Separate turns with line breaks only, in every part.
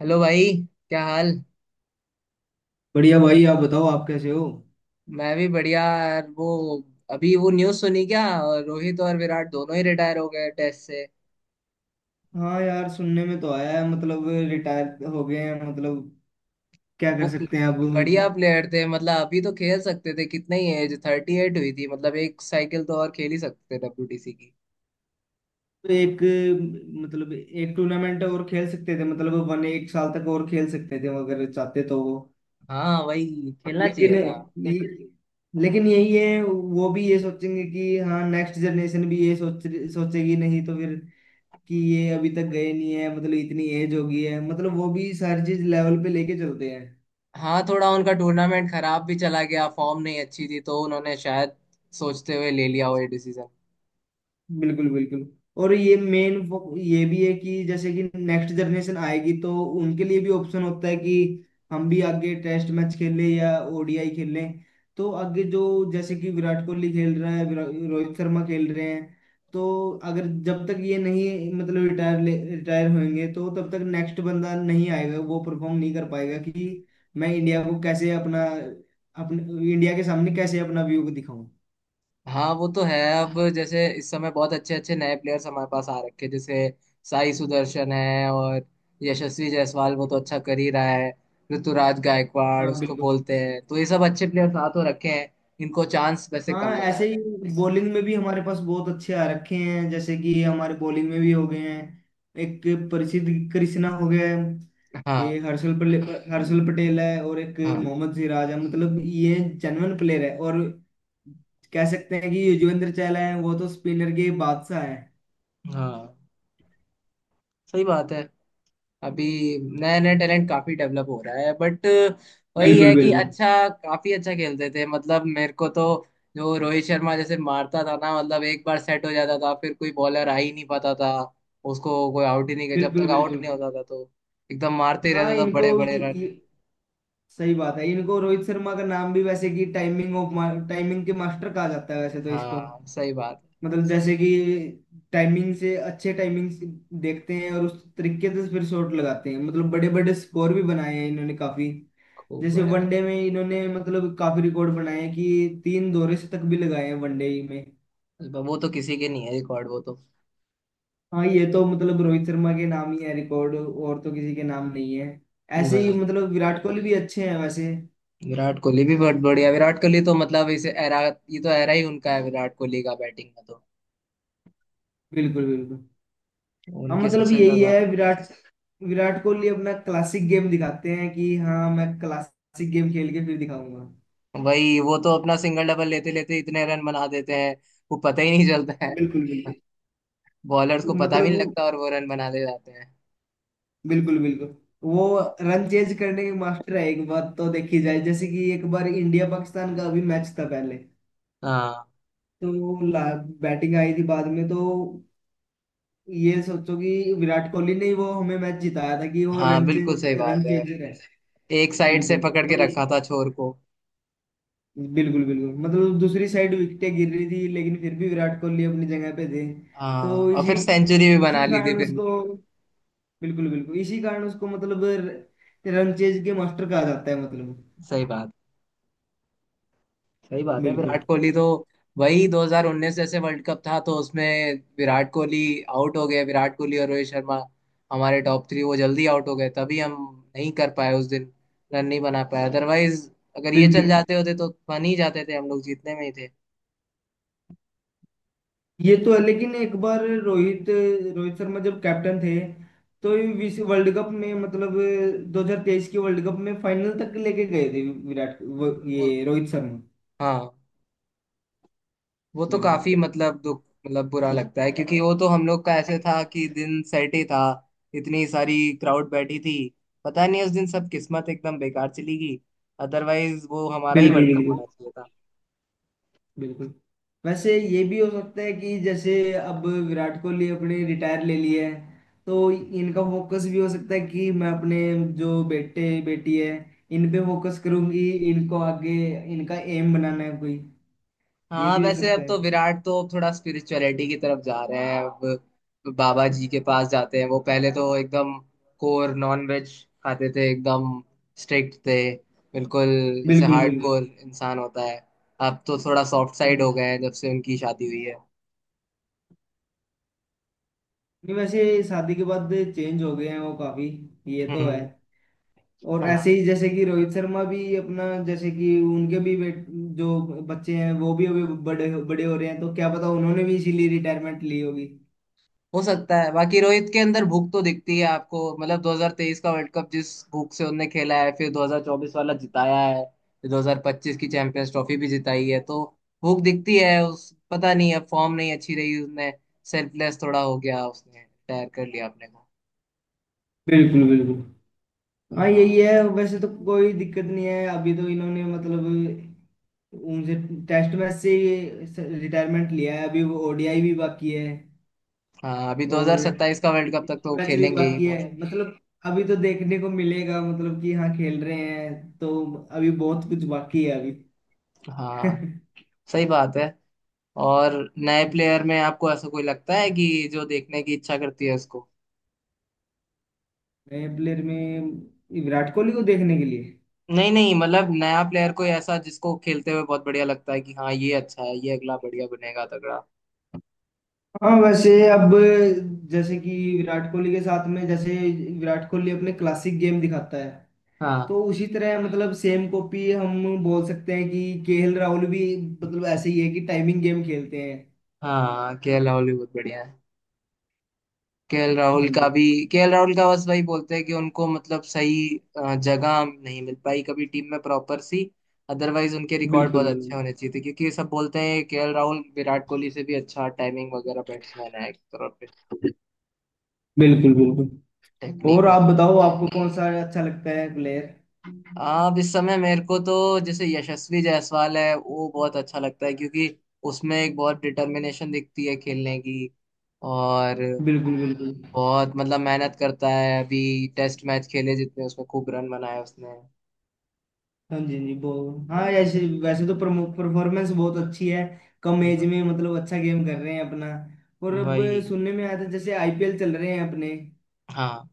Hello भाई। क्या हाल।
बढ़िया भाई। आप बताओ, आप कैसे हो।
मैं भी बढ़िया यार। वो अभी वो न्यूज़ सुनी क्या। रोहित और विराट दोनों ही रिटायर हो गए टेस्ट से।
हाँ यार, सुनने में तो आया है, मतलब रिटायर हो गए हैं, मतलब क्या कर
वो प्ले-
सकते हैं अब।
बढ़िया प्लेयर थे, मतलब अभी तो खेल सकते थे, कितने ही एज 38 हुई थी, मतलब एक साइकिल तो और खेल ही सकते थे डब्ल्यूटीसी की।
एक एक टूर्नामेंट और खेल सकते थे, मतलब वन एक साल तक और खेल सकते थे अगर चाहते तो वो।
हाँ, वही खेलना
लेकिन
चाहिए था।
ये- लेकिन यही है, वो भी ये सोचेंगे कि हाँ नेक्स्ट जनरेशन भी ये सोच सोचेगी, नहीं तो फिर कि ये अभी तक गए नहीं है, मतलब इतनी एज हो गई है, मतलब वो भी सारी चीज लेवल पे लेके चलते।
हाँ, थोड़ा उनका टूर्नामेंट खराब भी चला गया, फॉर्म नहीं अच्छी थी, तो उन्होंने शायद सोचते हुए ले लिया वो ये डिसीजन।
बिल्कुल बिल्कुल। और ये भी है कि जैसे कि नेक्स्ट जनरेशन आएगी तो उनके लिए भी ऑप्शन होता है कि हम भी आगे टेस्ट मैच खेलें या ODI खेलें। तो आगे जो जैसे कि विराट कोहली खेल रहा है, रोहित शर्मा खेल रहे हैं, तो अगर जब तक ये नहीं मतलब रिटायर रिटायर होंगे तो तब तक नेक्स्ट बंदा नहीं आएगा, वो परफॉर्म नहीं कर पाएगा कि मैं इंडिया को कैसे अपना अपने इंडिया के सामने कैसे अपना व्यू दिखाऊं।
हाँ, वो तो है। अब जैसे इस समय बहुत अच्छे अच्छे नए प्लेयर्स हमारे पास आ रखे हैं, जैसे साई सुदर्शन है, और यशस्वी जायसवाल वो तो अच्छा कर ही रहा है। ऋतुराज गायकवाड़
हाँ
उसको
बिल्कुल।
बोलते हैं, तो ये सब अच्छे प्लेयर्स आ तो रखे हैं। इनको चांस वैसे
हाँ
कम मिला
ऐसे ही
है।
बॉलिंग में भी हमारे पास बहुत अच्छे आ रखे हैं, जैसे कि हमारे बॉलिंग में भी हो गए हैं एक प्रसिद्ध कृष्णा हो गया है।
हाँ,
ये हर्षल पटेल है, और एक
हाँ,
मोहम्मद सिराज है, मतलब ये जेन्युइन प्लेयर है। और कह सकते हैं कि युजवेंद्र चहल है, वो तो स्पिनर के बादशाह है।
हाँ, सही बात है। अभी नया नया टैलेंट काफी डेवलप हो रहा है, बट वही
बिल्कुल
है कि
बिल्कुल।
अच्छा, काफी अच्छा खेलते थे मतलब, मेरे को तो जो रोहित शर्मा जैसे मारता था ना, मतलब एक बार सेट हो जाता था फिर कोई बॉलर आ ही नहीं पाता था। उसको कोई आउट ही नहीं कर, जब
बिल्कुल
तक आउट
बिल्कुल।
नहीं होता था तो एकदम मारते ही
हाँ
रहता था,
इनको
बड़े बड़े
ये,
रन।
सही बात है, इनको रोहित शर्मा का नाम भी वैसे कि टाइमिंग के मास्टर कहा जाता है वैसे तो इसको।
हाँ, सही बात।
मतलब जैसे कि टाइमिंग से अच्छे टाइमिंग से देखते हैं और उस तरीके से फिर शॉट लगाते हैं, मतलब बड़े बड़े स्कोर भी बनाए हैं इन्होंने काफी।
खूब
जैसे
बड़े बात।
वनडे में इन्होंने मतलब काफी रिकॉर्ड बनाए हैं कि तीन दोहरे शतक भी लगाए हैं वनडे में।
वो तो किसी के नहीं है रिकॉर्ड, वो तो।
हाँ, ये तो मतलब रोहित शर्मा के नाम ही है रिकॉर्ड, और तो किसी के नाम नहीं है। ऐसे ही
भाई,
मतलब विराट कोहली भी अच्छे हैं वैसे।
विराट कोहली भी बहुत बढ़िया। विराट कोहली तो मतलब इसे एरा, ये तो एरा ही उनका है, विराट कोहली का बैटिंग का तो।
बिल्कुल बिल्कुल। हाँ
उनके
मतलब
सबसे
यही
ज्यादा।
है, विराट विराट कोहली अपना क्लासिक गेम दिखाते हैं कि हाँ मैं क्लासिक गेम खेल के फिर दिखाऊंगा।
वही, वो तो अपना सिंगल डबल लेते लेते इतने रन बना देते हैं, वो पता ही नहीं चलता है।
बिल्कुल बिल्कुल।
बॉलर्स को पता भी
मतलब
नहीं
वो
लगता और वो रन बना ले जाते हैं।
बिल्कुल बिल्कुल। वो रन चेज करने के मास्टर है, एक बात तो देखी जाए, जैसे कि एक बार इंडिया पाकिस्तान का अभी मैच था पहले,
हाँ,
तो बैटिंग आई थी बाद में, तो ये सोचो कि विराट कोहली ने ही वो हमें मैच जिताया था कि वो
हाँ, बिल्कुल सही बात
रन
है।
चेजर है।
एक साइड से
बिल्कुल।
पकड़
तो
के
इस-
रखा था छोर को।
बिल्कुल बिल्कुल, मतलब दूसरी साइड विकेटें गिर रही थी लेकिन फिर भी विराट कोहली अपनी जगह पे थे। तो
हाँ, और
इसी
फिर सेंचुरी भी बना
इसी
ली थी
कारण
फिर।
उसको, बिल्कुल बिल्कुल, इसी कारण उसको मतलब रनचेज के मास्टर कहा जाता है मतलब।
सही बात, सही बात है
बिल्कुल
विराट कोहली तो। वही 2019 जैसे वर्ल्ड कप था, तो उसमें विराट कोहली आउट हो गए। विराट कोहली और रोहित शर्मा, हमारे टॉप थ्री वो जल्दी आउट हो गए, तभी हम नहीं कर पाए उस दिन, रन नहीं बना पाए। अदरवाइज अगर ये चल
बिल्कुल।
जाते होते तो बन ही जाते थे, हम लोग जीतने में ही थे।
ये तो है, लेकिन एक बार रोहित रोहित शर्मा जब कैप्टन थे तो ये विश्व वर्ल्ड कप में मतलब 2023 की वर्ल्ड कप में फाइनल तक लेके गए थे,
तो,
ये रोहित शर्मा।
हाँ, वो तो
बिल्कुल
काफी मतलब दुख, मतलब बुरा लगता है, क्योंकि वो तो हम लोग का ऐसे था कि दिन सेट ही था। इतनी सारी क्राउड बैठी थी, पता नहीं उस दिन सब किस्मत एकदम बेकार चली गई, अदरवाइज वो हमारा ही
बिल्कुल।
वर्ल्ड कप
बिल्कुल
होना चाहिए था।
बिल्कुल। वैसे ये भी हो सकता है कि जैसे अब विराट कोहली अपने रिटायर ले लिए हैं, तो इनका फोकस भी हो सकता है कि मैं अपने जो बेटे बेटी है, इन पे फोकस करूंगी, इनको आगे इनका एम बनाना है कोई। ये
हाँ,
भी हो
वैसे
सकता
अब
है।
तो विराट तो अब थोड़ा स्पिरिचुअलिटी की तरफ जा रहे हैं, अब बाबा जी के पास जाते हैं। वो पहले तो एकदम कोर नॉन वेज खाते थे, एकदम स्ट्रिक्ट थे, बिल्कुल जैसे
बिल्कुल बिल्कुल।
हार्डकोर इंसान होता है। अब तो थोड़ा सॉफ्ट साइड
हाँ।
हो गए हैं, जब से उनकी शादी हुई है।
नहीं, वैसे शादी के बाद चेंज हो गए हैं वो काफी। ये तो है।
हम्म।
और ऐसे
हाँ,
ही जैसे कि रोहित शर्मा भी अपना, जैसे कि उनके भी जो बच्चे हैं वो भी अभी बड़े बड़े हो रहे हैं, तो क्या पता उन्होंने भी इसीलिए रिटायरमेंट ली होगी।
हो सकता है। बाकी रोहित के अंदर भूख तो दिखती है आपको, मतलब 2023 का वर्ल्ड कप जिस भूख से उनने खेला है, फिर 2024 वाला जिताया है, फिर 2025 की चैंपियंस ट्रॉफी भी जिताई है, तो भूख दिखती है उस। पता नहीं, अब फॉर्म नहीं अच्छी रही उसने, सेल्फलेस थोड़ा हो गया, उसने रिटायर कर लिया अपने को।
बिल्कुल बिल्कुल। हाँ
हाँ,
यही है, वैसे तो कोई दिक्कत नहीं है, अभी तो इन्होंने मतलब उनसे टेस्ट मैच से रिटायरमेंट लिया है, अभी वो ODI भी बाकी है
हाँ, अभी
और
2027 का वर्ल्ड कप तक तो वो
मैच भी
खेलेंगे ही
बाकी है,
most।
मतलब अभी तो देखने को मिलेगा मतलब कि हाँ खेल रहे हैं, तो अभी बहुत कुछ बाकी है अभी।
हाँ, सही बात है। और नए प्लेयर में आपको ऐसा कोई लगता है कि जो देखने की इच्छा करती है।
नए प्लेयर में विराट कोहली को देखने के लिए।
नहीं, नहीं, मतलब नया प्लेयर कोई ऐसा जिसको खेलते हुए बहुत बढ़िया लगता है कि हाँ ये अच्छा है, ये अगला बढ़िया बनेगा तगड़ा।
हाँ वैसे अब जैसे कि विराट कोहली के साथ में जैसे विराट कोहली अपने क्लासिक गेम दिखाता है,
हाँ,
तो उसी तरह मतलब सेम कॉपी हम बोल सकते हैं कि KL राहुल भी मतलब ऐसे ही है कि टाइमिंग गेम खेलते हैं।
हाँ, केएल राहुल भी बहुत बढ़िया है। केएल राहुल
हाँ
का
जी।
भी, केएल राहुल का बस वही बोलते हैं कि उनको मतलब सही जगह नहीं मिल पाई कभी टीम में प्रॉपर सी। अदरवाइज उनके रिकॉर्ड
बिल्कुल
बहुत
बिल्कुल।
अच्छे होने चाहिए थे, क्योंकि ये सब बोलते हैं केएल राहुल विराट कोहली से भी अच्छा टाइमिंग वगैरह बैट्समैन है, एक तरह पे।
बिल्कुल बिल्कुल। और
टेक्निक।
आप बताओ, आपको कौन सा अच्छा लगता है प्लेयर।
अब इस समय मेरे को तो जैसे यशस्वी जायसवाल है, वो बहुत अच्छा लगता है क्योंकि उसमें एक बहुत डिटर्मिनेशन दिखती है खेलने की। और
बिल्कुल बिल्कुल।
बहुत मतलब मेहनत करता है, अभी टेस्ट मैच खेले जितने, उसमें खूब रन बनाए उसने।
हाँ जी, हाँ जी बहुत। हाँ ऐसे, वैसे तो परफॉर्मेंस बहुत अच्छी है, कम एज
वही
में मतलब अच्छा गेम कर रहे हैं अपना। और अब
वही,
सुनने में आया था जैसे IPL चल रहे हैं अपने,
हाँ,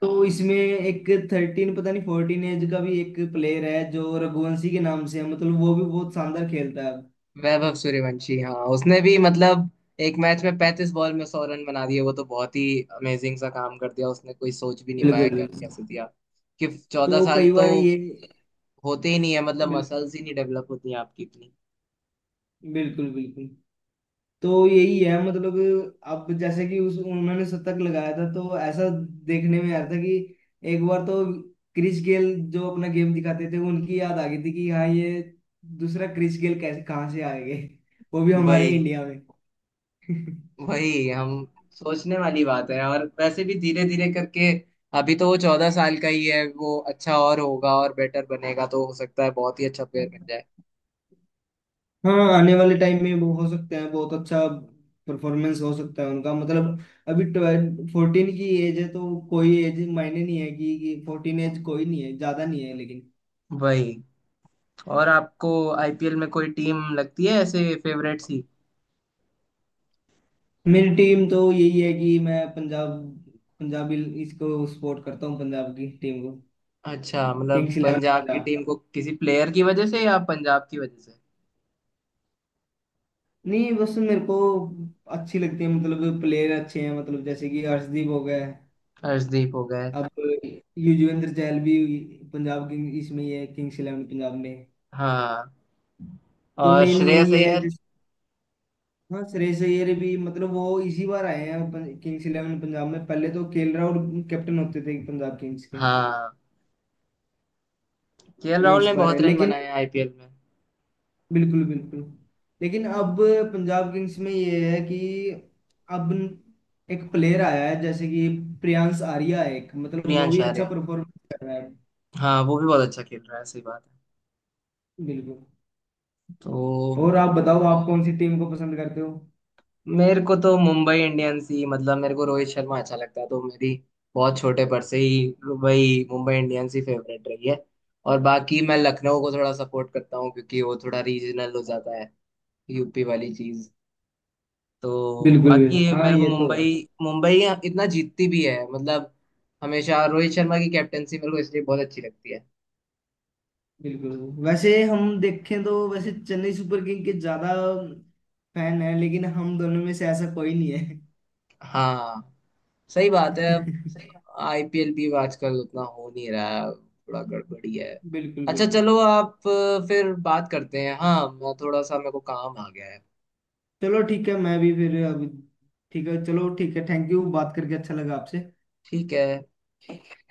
तो इसमें एक 13 पता नहीं 14 एज का भी एक प्लेयर है, जो रघुवंशी के नाम से है, मतलब वो भी बहुत शानदार खेलता है।
वैभव सूर्यवंशी, हाँ उसने भी मतलब एक मैच में 35 बॉल में 100 रन बना दिए। वो तो बहुत ही अमेजिंग सा काम कर दिया उसने, कोई सोच भी नहीं पाया
बिल्कुल
कर
बिल्कुल।
कैसे दिया। कि 14
तो
साल
कई
तो
बार ये
होते ही नहीं है, मतलब
बिल,
मसल्स ही नहीं डेवलप होती हैं आपकी इतनी।
बिल्कुल बिल्कुल। तो यही है मतलब अब जैसे कि उस उन्होंने शतक लगाया था तो ऐसा देखने में आया था कि एक बार तो क्रिस गेल जो अपना गेम दिखाते थे उनकी याद आ गई थी कि हाँ ये दूसरा क्रिस गेल कैसे कहाँ से आ गए, वो भी हमारे
भाई,
इंडिया में।
वही हम सोचने वाली बात है। और वैसे भी धीरे धीरे करके, अभी तो वो 14 साल का ही है, वो अच्छा और होगा और बेटर बनेगा, तो हो सकता है बहुत ही अच्छा प्लेयर बन जाए।
हाँ आने वाले टाइम में वो हो सकते हैं बहुत अच्छा, परफॉर्मेंस हो सकता है उनका, मतलब अभी 12 14 की एज है तो कोई एज मायने नहीं है कि 14 एज कोई नहीं है, ज्यादा नहीं है लेकिन।
वही, और आपको आईपीएल में कोई टीम लगती है ऐसे फेवरेट सी।
मेरी टीम तो यही है कि मैं पंजाब पंजाबी इसको सपोर्ट करता हूँ, पंजाब की टीम को,
अच्छा, मतलब
किंग्स इलेवन
पंजाब की
पंजाब।
टीम को किसी प्लेयर की वजह से, या पंजाब की वजह से।
नहीं बस मेरे को अच्छी लगती है, मतलब प्लेयर अच्छे हैं, मतलब जैसे कि अर्शदीप हो गया है,
हर्षदीप हो गए।
अब युजवेंद्र चहल भी पंजाब किंग इसमें ही है, किंग्स इलेवन पंजाब में,
हाँ,
तो
और
मेन
श्रेयस
यही है
अय्यर।
जैसे। हाँ श्रेयस अय्यर भी, मतलब वो इसी बार आए हैं किंग्स इलेवन पंजाब में, पहले तो KL राहुल कैप्टन होते थे पंजाब किंग्स के।
हाँ, केएल
ये
राहुल ने
इस बार है
बहुत रन
लेकिन,
बनाए आईपीएल में।
बिल्कुल बिल्कुल। लेकिन अब पंजाब किंग्स में ये है कि अब एक प्लेयर आया है जैसे कि प्रियांश आर्या है एक, मतलब वो
प्रियांश
भी अच्छा
आर्या,
परफॉर्मेंस कर रहा है।
हाँ वो भी बहुत अच्छा खेल रहा है, सही बात है।
बिल्कुल।
तो
और आप बताओ आप कौन सी टीम को पसंद करते हो।
मेरे को तो मुंबई इंडियंस ही, मतलब मेरे को रोहित शर्मा अच्छा लगता है, तो मेरी बहुत छोटे पर से ही वही मुंबई इंडियंस ही फेवरेट रही है। और बाकी मैं लखनऊ को थोड़ा सपोर्ट करता हूँ, क्योंकि वो थोड़ा रीजनल हो जाता है, यूपी वाली चीज। तो
बिल्कुल,
बाकी
हाँ
मेरे को
ये तो
मुंबई,
है।
मुंबई इतना जीतती भी है मतलब। हमेशा रोहित शर्मा की कैप्टनसी मेरे को इसलिए बहुत अच्छी लगती है।
बिल्कुल, वैसे हम देखें तो वैसे चेन्नई सुपर किंग के ज्यादा फैन है, लेकिन हम दोनों में से ऐसा कोई नहीं है।
हाँ, सही बात है। अब
सही बात।
आईपीएल भी आजकल उतना हो नहीं रहा है, थोड़ा गड़बड़ी है।
बिल्कुल
अच्छा
बिल्कुल।
चलो, आप फिर बात करते हैं। हाँ, मैं थोड़ा सा, मेरे को काम आ गया है।
चलो ठीक है, मैं भी फिर अभी ठीक है, चलो ठीक है, थैंक यू, बात करके अच्छा लगा आपसे।
ठीक है।